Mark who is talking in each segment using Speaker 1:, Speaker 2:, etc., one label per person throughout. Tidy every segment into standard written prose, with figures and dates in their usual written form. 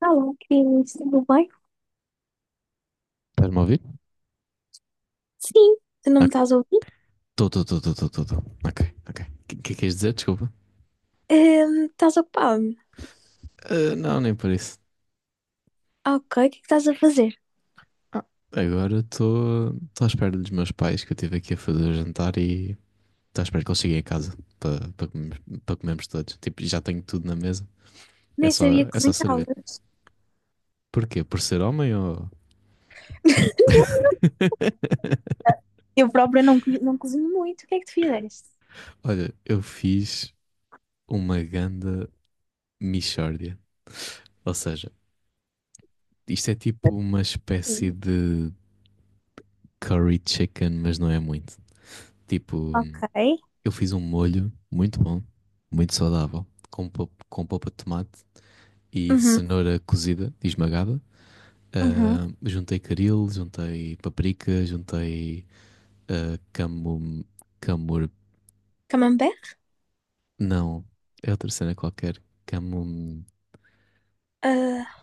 Speaker 1: Alô, Cris, tudo bem?
Speaker 2: Estás-me a ouvir?
Speaker 1: Sim, tu não me estás a ouvir?
Speaker 2: Estou, estou, estou, estou, estou. Ok, ok. O que é que queres dizer? Desculpa.
Speaker 1: Estás ocupada?
Speaker 2: Ah, não, nem por isso.
Speaker 1: Ah, ok, o que é que estás a fazer?
Speaker 2: Ah, agora estou à espera dos meus pais, que eu estive aqui a fazer o jantar, e estou à espera que eles cheguem a casa para comermos, para comermos todos. Tipo, já tenho tudo na mesa. É
Speaker 1: Nem
Speaker 2: só,
Speaker 1: sabia que
Speaker 2: é só servir.
Speaker 1: cozinhavas.
Speaker 2: Porquê? Por ser homem ou...
Speaker 1: Não, não. Eu própria não, não cozinho muito. O que é que tu fizeste?
Speaker 2: Olha, eu fiz uma ganda mixórdia. Ou seja, isto é tipo uma espécie
Speaker 1: Hum.
Speaker 2: de curry chicken, mas não é muito. Tipo,
Speaker 1: Ok.
Speaker 2: eu fiz um molho muito bom, muito saudável, com, com polpa de tomate e
Speaker 1: Uhum,
Speaker 2: cenoura cozida e esmagada.
Speaker 1: uhum.
Speaker 2: Ah, juntei caril, juntei paprika, juntei camum, camur...
Speaker 1: Camembert?
Speaker 2: Não, é outra cena qualquer. Camum...
Speaker 1: Ah,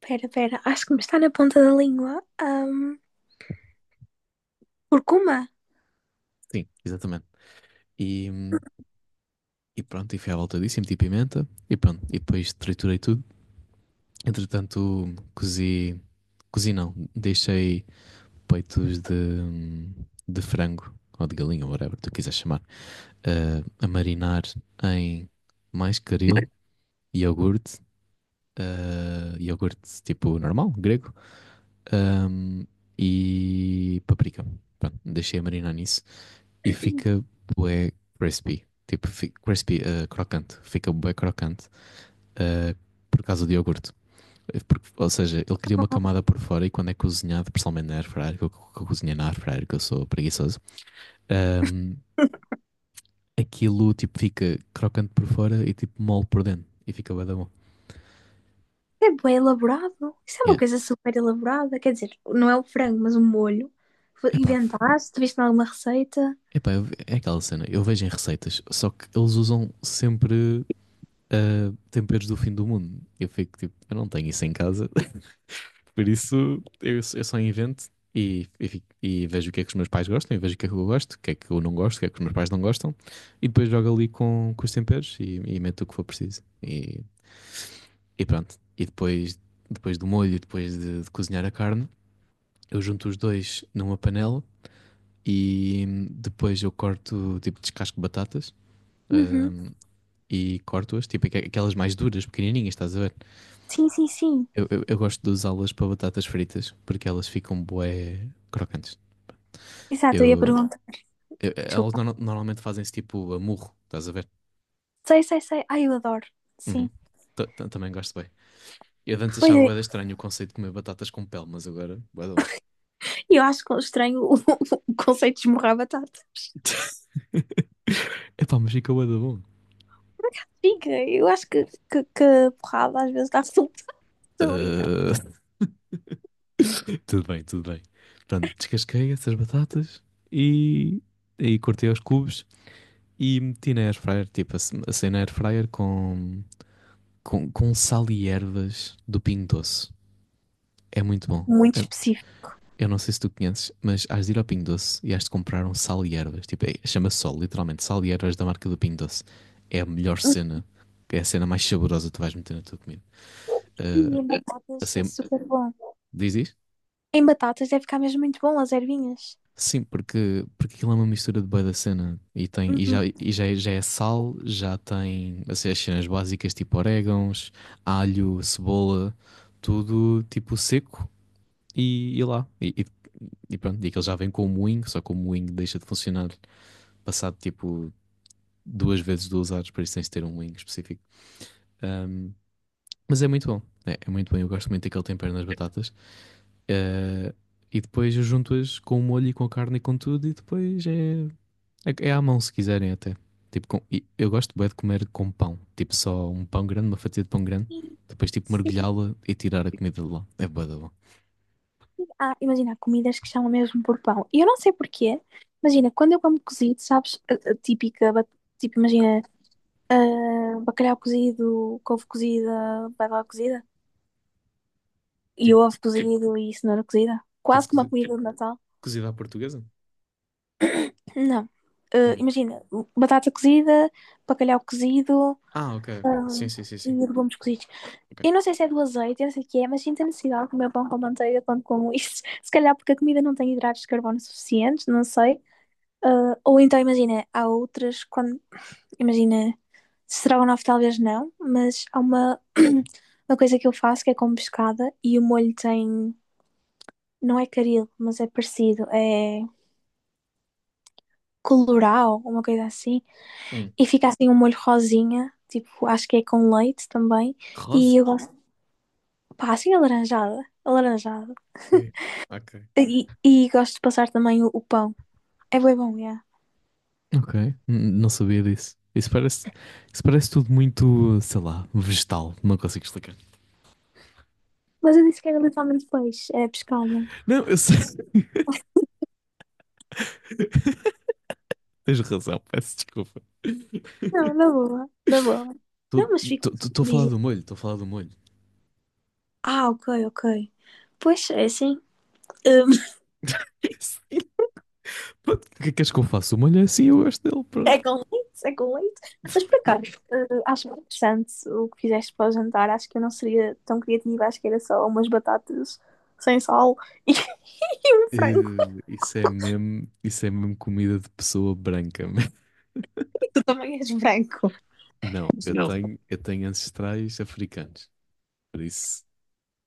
Speaker 1: pera, acho que me está na ponta da língua. Curcuma?
Speaker 2: Sim, exatamente. E, hum, e pronto, e fui à volta disso e meti pimenta e pronto. E depois triturei tudo. Entretanto, cozi... Cozi não, deixei peitos de frango ou de galinha, whatever tu quiseres chamar, a marinar em mais caril, iogurte, iogurte tipo normal, grego, ahm, e paprika. Pronto, deixei a marinar nisso e fica bué crispy. Tipo, crispy, crocante. Fica bué crocante eh, por causa do iogurte. Ou seja, ele cria uma
Speaker 1: Não.
Speaker 2: camada por fora e, quando é cozinhado, principalmente na air, que eu cozinhei na air, que eu sou preguiçoso, Ahm, aquilo tipo fica crocante por fora e tipo mole por dentro e fica bué da bom.
Speaker 1: É bem elaborado. Isso é uma
Speaker 2: Yeah.
Speaker 1: coisa super elaborada. Quer dizer, não é o frango, mas o molho.
Speaker 2: Epá, f-
Speaker 1: Inventaste? Viste em alguma receita?
Speaker 2: epá, é aquela cena, eu vejo em receitas, só que eles usam sempre temperos do fim do mundo. Eu fico tipo, eu não tenho isso em casa, por isso eu só invento e e vejo o que é que os meus pais gostam, e vejo o que é que eu gosto, o que é que eu não gosto, o que é que os meus pais não gostam, e depois jogo ali com os temperos e meto o que for preciso. E pronto. E depois, depois do molho, depois de cozinhar a carne, eu junto os dois numa panela e, depois eu corto, tipo, descasco batatas,
Speaker 1: Uhum.
Speaker 2: hum, e corto-as, tipo, aquelas mais duras, pequenininhas, estás a ver?
Speaker 1: Sim, sim, sim.
Speaker 2: Eu gosto de usá-las para batatas fritas porque elas ficam bué crocantes.
Speaker 1: Exato, eu ia
Speaker 2: Eu,
Speaker 1: perguntar.
Speaker 2: elas
Speaker 1: Desculpa.
Speaker 2: normalmente fazem-se tipo a murro, estás a ver?
Speaker 1: Sei, sei, sei. Ai, eu adoro.
Speaker 2: Uhum.
Speaker 1: Sim.
Speaker 2: Também gosto bem. Eu antes
Speaker 1: Pois
Speaker 2: achava
Speaker 1: é.
Speaker 2: bué da estranho o conceito de comer batatas com pele, mas agora, bué da bom.
Speaker 1: E eu acho que estranho o conceito de esmurrar a batata.
Speaker 2: Epá, mas fica bué da bom.
Speaker 1: Por acaso fica. Eu acho que a porrada às vezes dá resultado. Estou a brincar.
Speaker 2: Ah, tudo bem, tudo bem. Pronto, descasquei essas batatas e aí cortei aos cubos e meti na airfryer, tipo, assei na airfryer com sal e ervas do Pingo Doce. É muito bom.
Speaker 1: Muito específico.
Speaker 2: Eu não sei se tu conheces, mas has de ir ao Pingo Doce e has de comprar um sal e ervas. Tipo, chama-se só, literalmente, sal e ervas da marca do Pingo Doce. É a melhor
Speaker 1: Hum.
Speaker 2: cena, é a cena mais saborosa que tu vais meter na tua comida.
Speaker 1: E
Speaker 2: Ah,
Speaker 1: em batatas é
Speaker 2: assei,
Speaker 1: super bom.
Speaker 2: diz, diz?
Speaker 1: Em batatas deve ficar mesmo muito bom, as ervinhas.
Speaker 2: Sim, porque, porque aquilo é uma mistura de bué da cena e, tem, e,
Speaker 1: Uhum.
Speaker 2: já, e já, já é sal, já tem assim, as cenas básicas tipo orégãos, alho, cebola, tudo tipo seco e lá. E pronto, e aquilo já vem com o moinho, só que o moinho deixa de funcionar passado tipo duas vezes 2 horas, por isso tens de ter um moinho específico. Ahm, mas é muito bom, é, é muito bom, eu gosto muito daquele tempero nas batatas. Eh, e depois eu junto-as com o molho e com a carne e com tudo, e depois é. É, é à mão, se quiserem até. Tipo, e eu gosto bem de comer com pão. Tipo, só um pão grande, uma fatia de pão grande.
Speaker 1: Sim.
Speaker 2: Depois, tipo,
Speaker 1: Sim.
Speaker 2: mergulhá-la e tirar a comida de lá. É bué da bom.
Speaker 1: Ah, imagina, há comidas que chamam mesmo por pão. E eu não sei porquê. Imagina, quando eu como cozido, sabes, a típica, tipo, imagina, ah, bacalhau cozido, couve cozida, batata cozida, e
Speaker 2: Tipo,
Speaker 1: ovo cozido e cenoura cozida.
Speaker 2: tipo
Speaker 1: Quase como uma
Speaker 2: cozi-
Speaker 1: comida de Natal.
Speaker 2: cozida à portuguesa?
Speaker 1: Não. Ah,
Speaker 2: Hum.
Speaker 1: imagina, batata cozida, bacalhau cozido,
Speaker 2: Ah, ok, ok. Sim, sim, sim,
Speaker 1: e
Speaker 2: sim.
Speaker 1: legumes cozidos.
Speaker 2: Ok.
Speaker 1: Eu não sei se é do azeite, eu não sei o que é, mas sinto a necessidade de comer pão com manteiga quando como isso. Se calhar porque a comida não tem hidratos de carbono suficientes, não sei. Ah, ou então, imagina, há outras, quando, imagina, estrogonofe talvez não, mas há uma, uma coisa que eu faço que é com pescada e o molho tem, não é caril, mas é parecido, é colorau, uma coisa assim,
Speaker 2: Hum.
Speaker 1: e fica assim um molho rosinha, tipo, acho que é com leite também, e
Speaker 2: Rosa?
Speaker 1: eu gosto, pá, assim alaranjada, alaranjada.
Speaker 2: É. Ok.
Speaker 1: E gosto de passar também o pão. É bem bom, é.
Speaker 2: Ok, não sabia disso. Isso parece tudo muito, sei lá, vegetal. Não consigo explicar.
Speaker 1: Mas eu disse que era literalmente peixe, é pescada.
Speaker 2: Não, eu sei. Tens razão, peço desculpa.
Speaker 1: Não, na boa, na boa. Não, mas fico.
Speaker 2: Estou a falar
Speaker 1: Dizem.
Speaker 2: do molho, estou a falar do molho.
Speaker 1: Ah, ok, ok. Pois é assim. Hum.
Speaker 2: Sim, pronto. O que é que és que eu faço? Uma olha assim, eu gosto dele, pronto.
Speaker 1: É com leite, é com leite. Mas por acaso, acho bem interessante o que fizeste para o jantar. Acho que eu não seria tão criativa, acho que era só umas batatas sem sal e um frango.
Speaker 2: Isso é mesmo comida de pessoa branca. man.
Speaker 1: Tu também és branco.
Speaker 2: Não,
Speaker 1: Não.
Speaker 2: eu tenho ancestrais africanos, por isso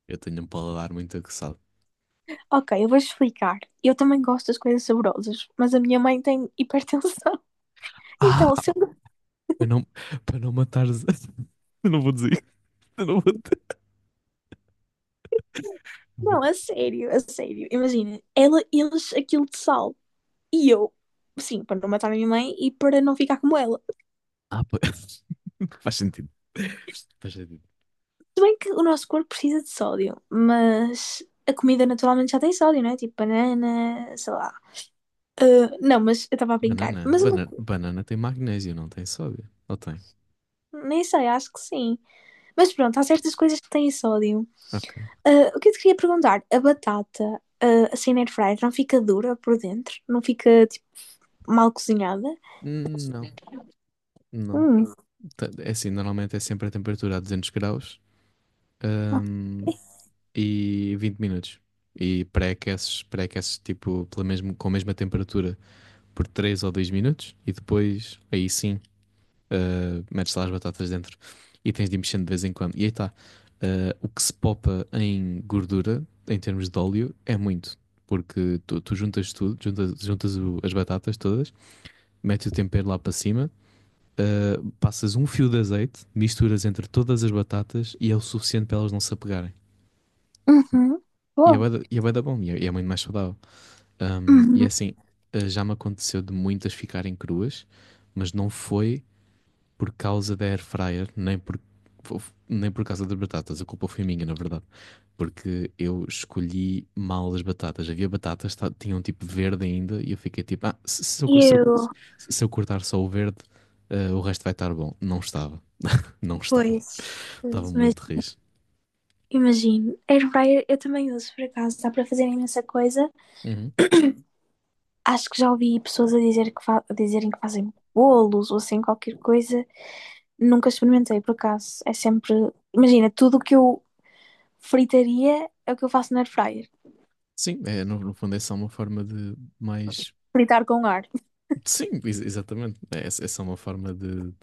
Speaker 2: eu tenho um paladar muito aguçado.
Speaker 1: Ok, eu vou explicar. Eu também gosto das coisas saborosas, mas a minha mãe tem hipertensão.
Speaker 2: Ah,
Speaker 1: Então, sendo...
Speaker 2: para não, para não matar. Eu não vou dizer isto, eu não vou dizer. Vou...
Speaker 1: Não, é sério, é sério. Imagina, ela, eles aquilo de sal. E eu, sim, para não matar a minha mãe e para não ficar como ela.
Speaker 2: Ah, pa- Faz sentido. Faz sentido.
Speaker 1: Se bem que o nosso corpo precisa de sódio, mas a comida naturalmente já tem sódio, não é? Tipo banana, sei lá. Ah, não, mas eu estava a brincar.
Speaker 2: Banana,
Speaker 1: Mas
Speaker 2: banana, banana tem magnésio, não tem sódio? Ou tem?
Speaker 1: nem sei, acho que sim. Mas pronto, há certas coisas que têm sódio.
Speaker 2: Ok.
Speaker 1: Ah, o que eu te queria perguntar? A batata, ah, assim na air fryer, não fica dura por dentro? Não fica, tipo, mal cozinhada?
Speaker 2: Não, não.
Speaker 1: Hum,
Speaker 2: É assim, normalmente é sempre a temperatura a 200 graus, hum,
Speaker 1: ok.
Speaker 2: e 20 minutos. E pré-aqueces tipo pela mesmo, com a mesma temperatura por 3 ou 2 minutos, e depois aí sim, metes lá as batatas dentro e tens de ir mexendo de vez em quando. E aí está. O que se popa em gordura, em termos de óleo, é muito. Porque tu, tu juntas tudo, juntas, juntas as batatas todas, metes o tempero lá para cima, passas um fio de azeite, misturas entre todas as batatas e é o suficiente para elas não se apegarem.
Speaker 1: Uhum.
Speaker 2: E é
Speaker 1: Boa.
Speaker 2: bué da bom, e é muito mais saudável. E é
Speaker 1: Uhum.
Speaker 2: assim, já me aconteceu de muitas ficarem cruas, mas não foi por causa da air fryer, nem por, nem por causa das batatas. A culpa foi minha, na verdade. Porque eu escolhi mal as batatas. Havia batatas que tinham um tipo verde ainda e eu fiquei tipo, ah, se eu...
Speaker 1: Eu,
Speaker 2: Se eu cortar só o verde, o resto vai estar bom. Não estava, não estava.
Speaker 1: pois,
Speaker 2: Estava
Speaker 1: pois, mas
Speaker 2: muito riso...
Speaker 1: imagino. Air fryer eu também uso, por acaso, dá para fazer imensa coisa.
Speaker 2: Uhum.
Speaker 1: Acho que já ouvi pessoas a dizer que a dizerem que fazem bolos ou assim qualquer coisa. Nunca experimentei, por acaso. É sempre, imagina, tudo o que eu fritaria é o que eu faço na air fryer.
Speaker 2: Sim, é, no, no fundo é só uma forma de mais.
Speaker 1: Fritar com ar.
Speaker 2: Sim, exatamente. É, é só uma forma de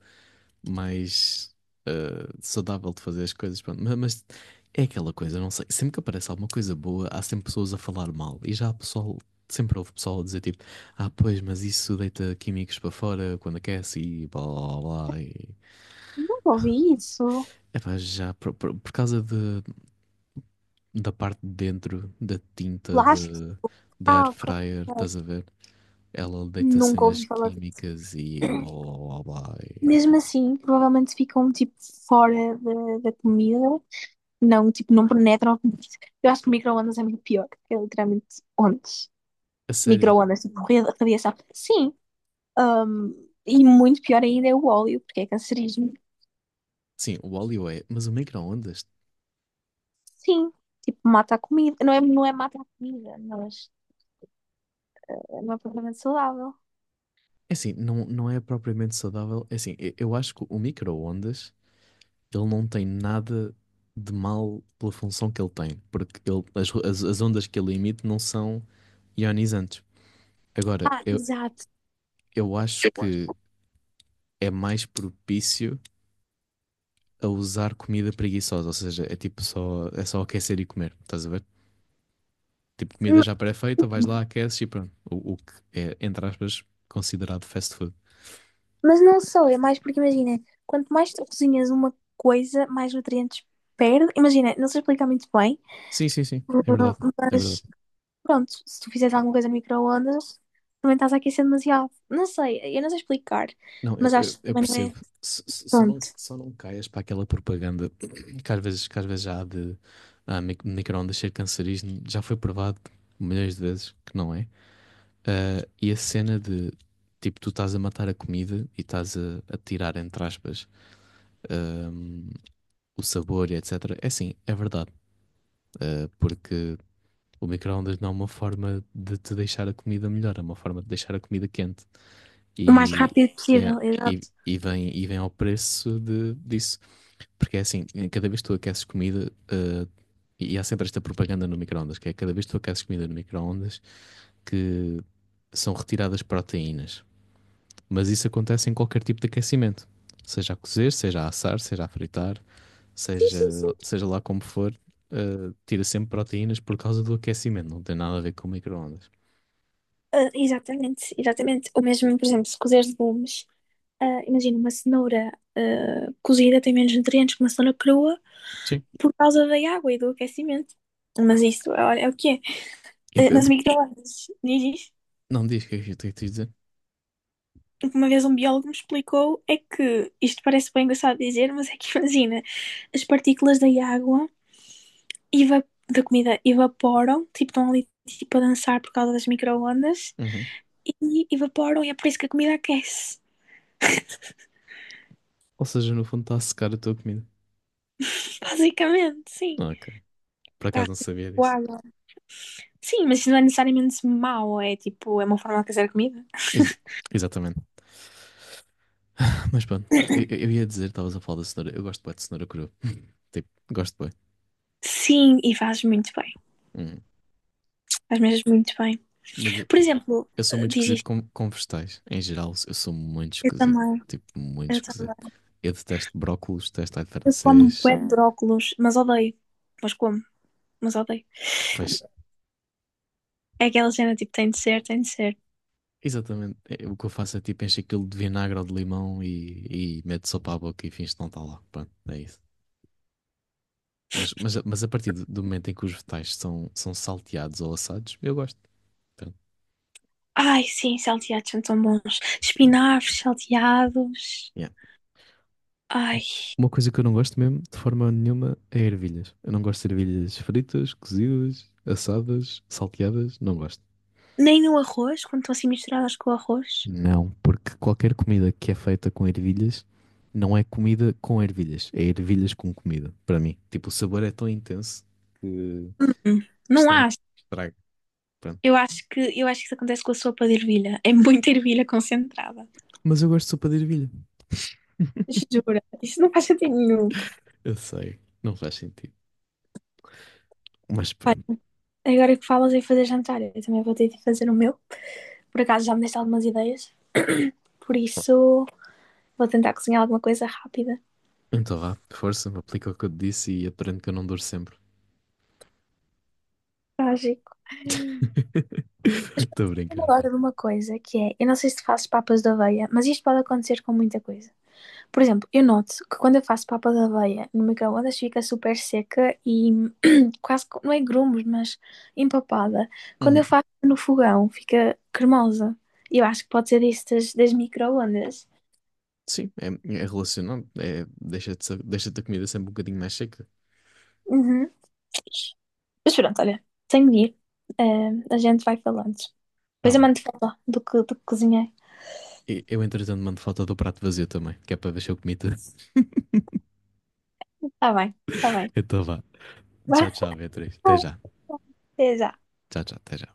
Speaker 2: mais, eh, saudável de fazer as coisas. Pronto. Mas, é aquela coisa, não sei. Sempre que aparece alguma coisa boa, há sempre pessoas a falar mal. E já há pessoal, sempre houve pessoal a dizer tipo, ah, pois, mas isso deita químicos para fora quando aquece e blá blá blá. E...
Speaker 1: Nunca ouvi isso.
Speaker 2: Epá, já por causa de, da parte de dentro da tinta
Speaker 1: Lá está.
Speaker 2: de, da air
Speaker 1: Ah, ok.
Speaker 2: fryer,
Speaker 1: Ok.
Speaker 2: estás a ver? Ela deita
Speaker 1: Nunca
Speaker 2: cenas
Speaker 1: ouvi falar disso.
Speaker 2: químicas e blá blá blá blá. E
Speaker 1: Mesmo
Speaker 2: pronto.
Speaker 1: assim, provavelmente ficam tipo fora da comida. Não, tipo, não penetra. Comida. Eu acho que micro-ondas é muito pior. É literalmente ondas.
Speaker 2: A sério.
Speaker 1: Micro-ondas, tipo, radiação. Sim. ahm, e muito pior ainda é o óleo, porque é cancerígeno.
Speaker 2: Sim, o óleo é, mas o micro-ondas,
Speaker 1: Sim. Tipo, mata a comida. Não é, não é mata a comida, mas não é propriamente saudável.
Speaker 2: é assim, não, não é propriamente saudável. É assim, eu acho que o micro-ondas, ele não tem nada de mal pela função que ele tem, porque ele, as ondas que ele emite não são ionizantes. Agora,
Speaker 1: Ah, exato.
Speaker 2: eu acho que é mais propício a usar comida preguiçosa, ou seja, é tipo só, é só aquecer e comer, estás a ver? Tipo, comida
Speaker 1: N-
Speaker 2: já pré-feita, vais lá, aqueces e pronto. O que é, entre aspas, considerado fast food.
Speaker 1: Mas não só, é mais porque imagina, quanto mais tu cozinhas uma coisa, mais nutrientes perde. Imagina, não sei explicar muito bem,
Speaker 2: Sim, sim, sim. É verdade. É verdade.
Speaker 1: mas pronto, se tu fizeres alguma coisa no micro-ondas, também estás a aquecer demasiado. Não sei, eu não sei explicar,
Speaker 2: Não,
Speaker 1: mas acho que
Speaker 2: eu
Speaker 1: também não
Speaker 2: percebo.
Speaker 1: é. Pronto,
Speaker 2: Só não caias para aquela propaganda que às vezes já há de micro-ondas ser cancerígeno. Já foi provado milhões de vezes que não é. Ah, e a cena de tipo, tu estás a matar a comida e estás a tirar, entre aspas, ahm, o sabor e etc. É assim, é verdade. Porque o micro-ondas não é uma forma de te deixar a comida melhor, é uma forma de deixar a comida quente.
Speaker 1: o mais
Speaker 2: E,
Speaker 1: rápido
Speaker 2: e,
Speaker 1: possível,
Speaker 2: é-
Speaker 1: exato.
Speaker 2: e vem ao preço de, disso. Porque é assim, cada vez que tu aqueces comida, e há sempre esta propaganda no micro-ondas, que é cada vez que tu aqueces comida no micro-ondas, que são retiradas proteínas. Mas isso acontece em qualquer tipo de aquecimento. Seja a cozer, seja a assar, seja a fritar,
Speaker 1: Sim,
Speaker 2: seja,
Speaker 1: sim, sim.
Speaker 2: seja lá como for, tira sempre proteínas por causa do aquecimento, não tem nada a ver com micro-ondas.
Speaker 1: Ah, exatamente, exatamente. Ou mesmo, por exemplo, se cozeres legumes, ah, imagina uma cenoura ah, cozida tem menos nutrientes que uma cenoura crua
Speaker 2: Sim.
Speaker 1: por causa da água e do aquecimento. Mas isso, olha, é o que é.
Speaker 2: Eu-
Speaker 1: Ah,
Speaker 2: eu-
Speaker 1: mas o micro-ondas, diz
Speaker 2: não diz o que é que eu tenho que te dizer.
Speaker 1: o que uma vez um biólogo me explicou é que, isto parece bem engraçado dizer, mas é que imagina, as partículas da água, eva- da comida, evaporam, tipo, estão ali tipo, a dançar por causa das microondas,
Speaker 2: Uhum.
Speaker 1: e evaporam, e é por isso que a comida aquece.
Speaker 2: Ou seja, no fundo está a secar a tua comida.
Speaker 1: Basicamente, sim.
Speaker 2: Ah, ok. Por
Speaker 1: Tá,
Speaker 2: acaso não sabia
Speaker 1: tipo,
Speaker 2: disso.
Speaker 1: água. Sim, mas isso não é necessariamente mau, é tipo, é uma forma de aquecer a comida.
Speaker 2: Ex- exatamente. Mas pronto, ia dizer, estavas a falar da cenoura. Eu gosto bem de cenoura crua. Tipo, gosto bem.
Speaker 1: Sim, e faz muito bem.
Speaker 2: Hum.
Speaker 1: Faz mesmo muito bem.
Speaker 2: Mas
Speaker 1: Por exemplo,
Speaker 2: eu sou muito
Speaker 1: diz
Speaker 2: esquisito
Speaker 1: isto.
Speaker 2: com vegetais. Em geral, eu sou muito
Speaker 1: Eu
Speaker 2: esquisito.
Speaker 1: também,
Speaker 2: Tipo, muito
Speaker 1: eu
Speaker 2: esquisito.
Speaker 1: também.
Speaker 2: Eu detesto brócolos, detesto alho
Speaker 1: Eu como
Speaker 2: francês.
Speaker 1: bué de hum, brócolos, mas odeio. Mas como, mas odeio.
Speaker 2: Pois.
Speaker 1: É aquela cena tipo, tem de ser, tem de ser.
Speaker 2: Exatamente. É, o que eu faço é tipo encho aquilo de vinagre ou de limão e meto sopa à boca e finge que não está lá. Pronto, é isso. Mas a partir do momento em que os vegetais são, são salteados ou assados, eu gosto. Pronto.
Speaker 1: Ai, sim, salteados são tão bons. Espinafres salteados.
Speaker 2: Yeah.
Speaker 1: Ai,
Speaker 2: Uma coisa que eu não gosto mesmo, de forma nenhuma, é ervilhas. Eu não gosto de ervilhas fritas, cozidas, assadas, salteadas, não gosto.
Speaker 1: nem no arroz, quando estão assim misturadas com o arroz.
Speaker 2: Não, porque qualquer comida que é feita com ervilhas não é comida com ervilhas, é ervilhas com comida, para mim. Tipo, o sabor é tão intenso que
Speaker 1: Hum,
Speaker 2: que
Speaker 1: não
Speaker 2: estraga,
Speaker 1: acho.
Speaker 2: que estraga. Pronto.
Speaker 1: Eu acho que isso acontece com a sopa de ervilha. É muita ervilha concentrada.
Speaker 2: Mas eu gosto de sopa de ervilha.
Speaker 1: Jura, isso não faz sentido nenhum.
Speaker 2: Eu sei, não faz sentido. Mas pronto.
Speaker 1: Olha, agora que falas em fazer jantar, eu também vou ter de fazer o meu. Por acaso já me deste algumas ideias, por
Speaker 2: Bom.
Speaker 1: isso vou tentar cozinhar alguma coisa rápida.
Speaker 2: Então vá, força, aplica o que eu te disse e aprende que eu não duro sempre.
Speaker 1: Trágico. Mas
Speaker 2: Estou a
Speaker 1: eu
Speaker 2: brincar, pá.
Speaker 1: gosto de uma coisa que é, eu não sei se tu fazes papas de aveia, mas isto pode acontecer com muita coisa. Por exemplo, eu noto que quando eu faço papa de aveia no micro-ondas fica super seca e quase, não é grumos, mas empapada. Quando eu
Speaker 2: Uhum.
Speaker 1: faço no fogão fica cremosa. E eu acho que pode ser isso das micro-ondas.
Speaker 2: Sim, é, é relacionado. É, deixa-te a comida sempre um bocadinho mais seca.
Speaker 1: Uhum. Mas pronto, olha, tenho de ir. Eh, a gente vai falando.
Speaker 2: Tá
Speaker 1: Depois eu
Speaker 2: bem.
Speaker 1: mando foto do que cozinhei.
Speaker 2: Eu, entretanto, mando foto do prato vazio também, que é para ver se eu comi tudo.
Speaker 1: Tá bem, tá bem.
Speaker 2: Então vá. Tchau,
Speaker 1: Vá.
Speaker 2: tchau, Beatriz. Até já.
Speaker 1: Certeza.
Speaker 2: Tchau, tchau, até já.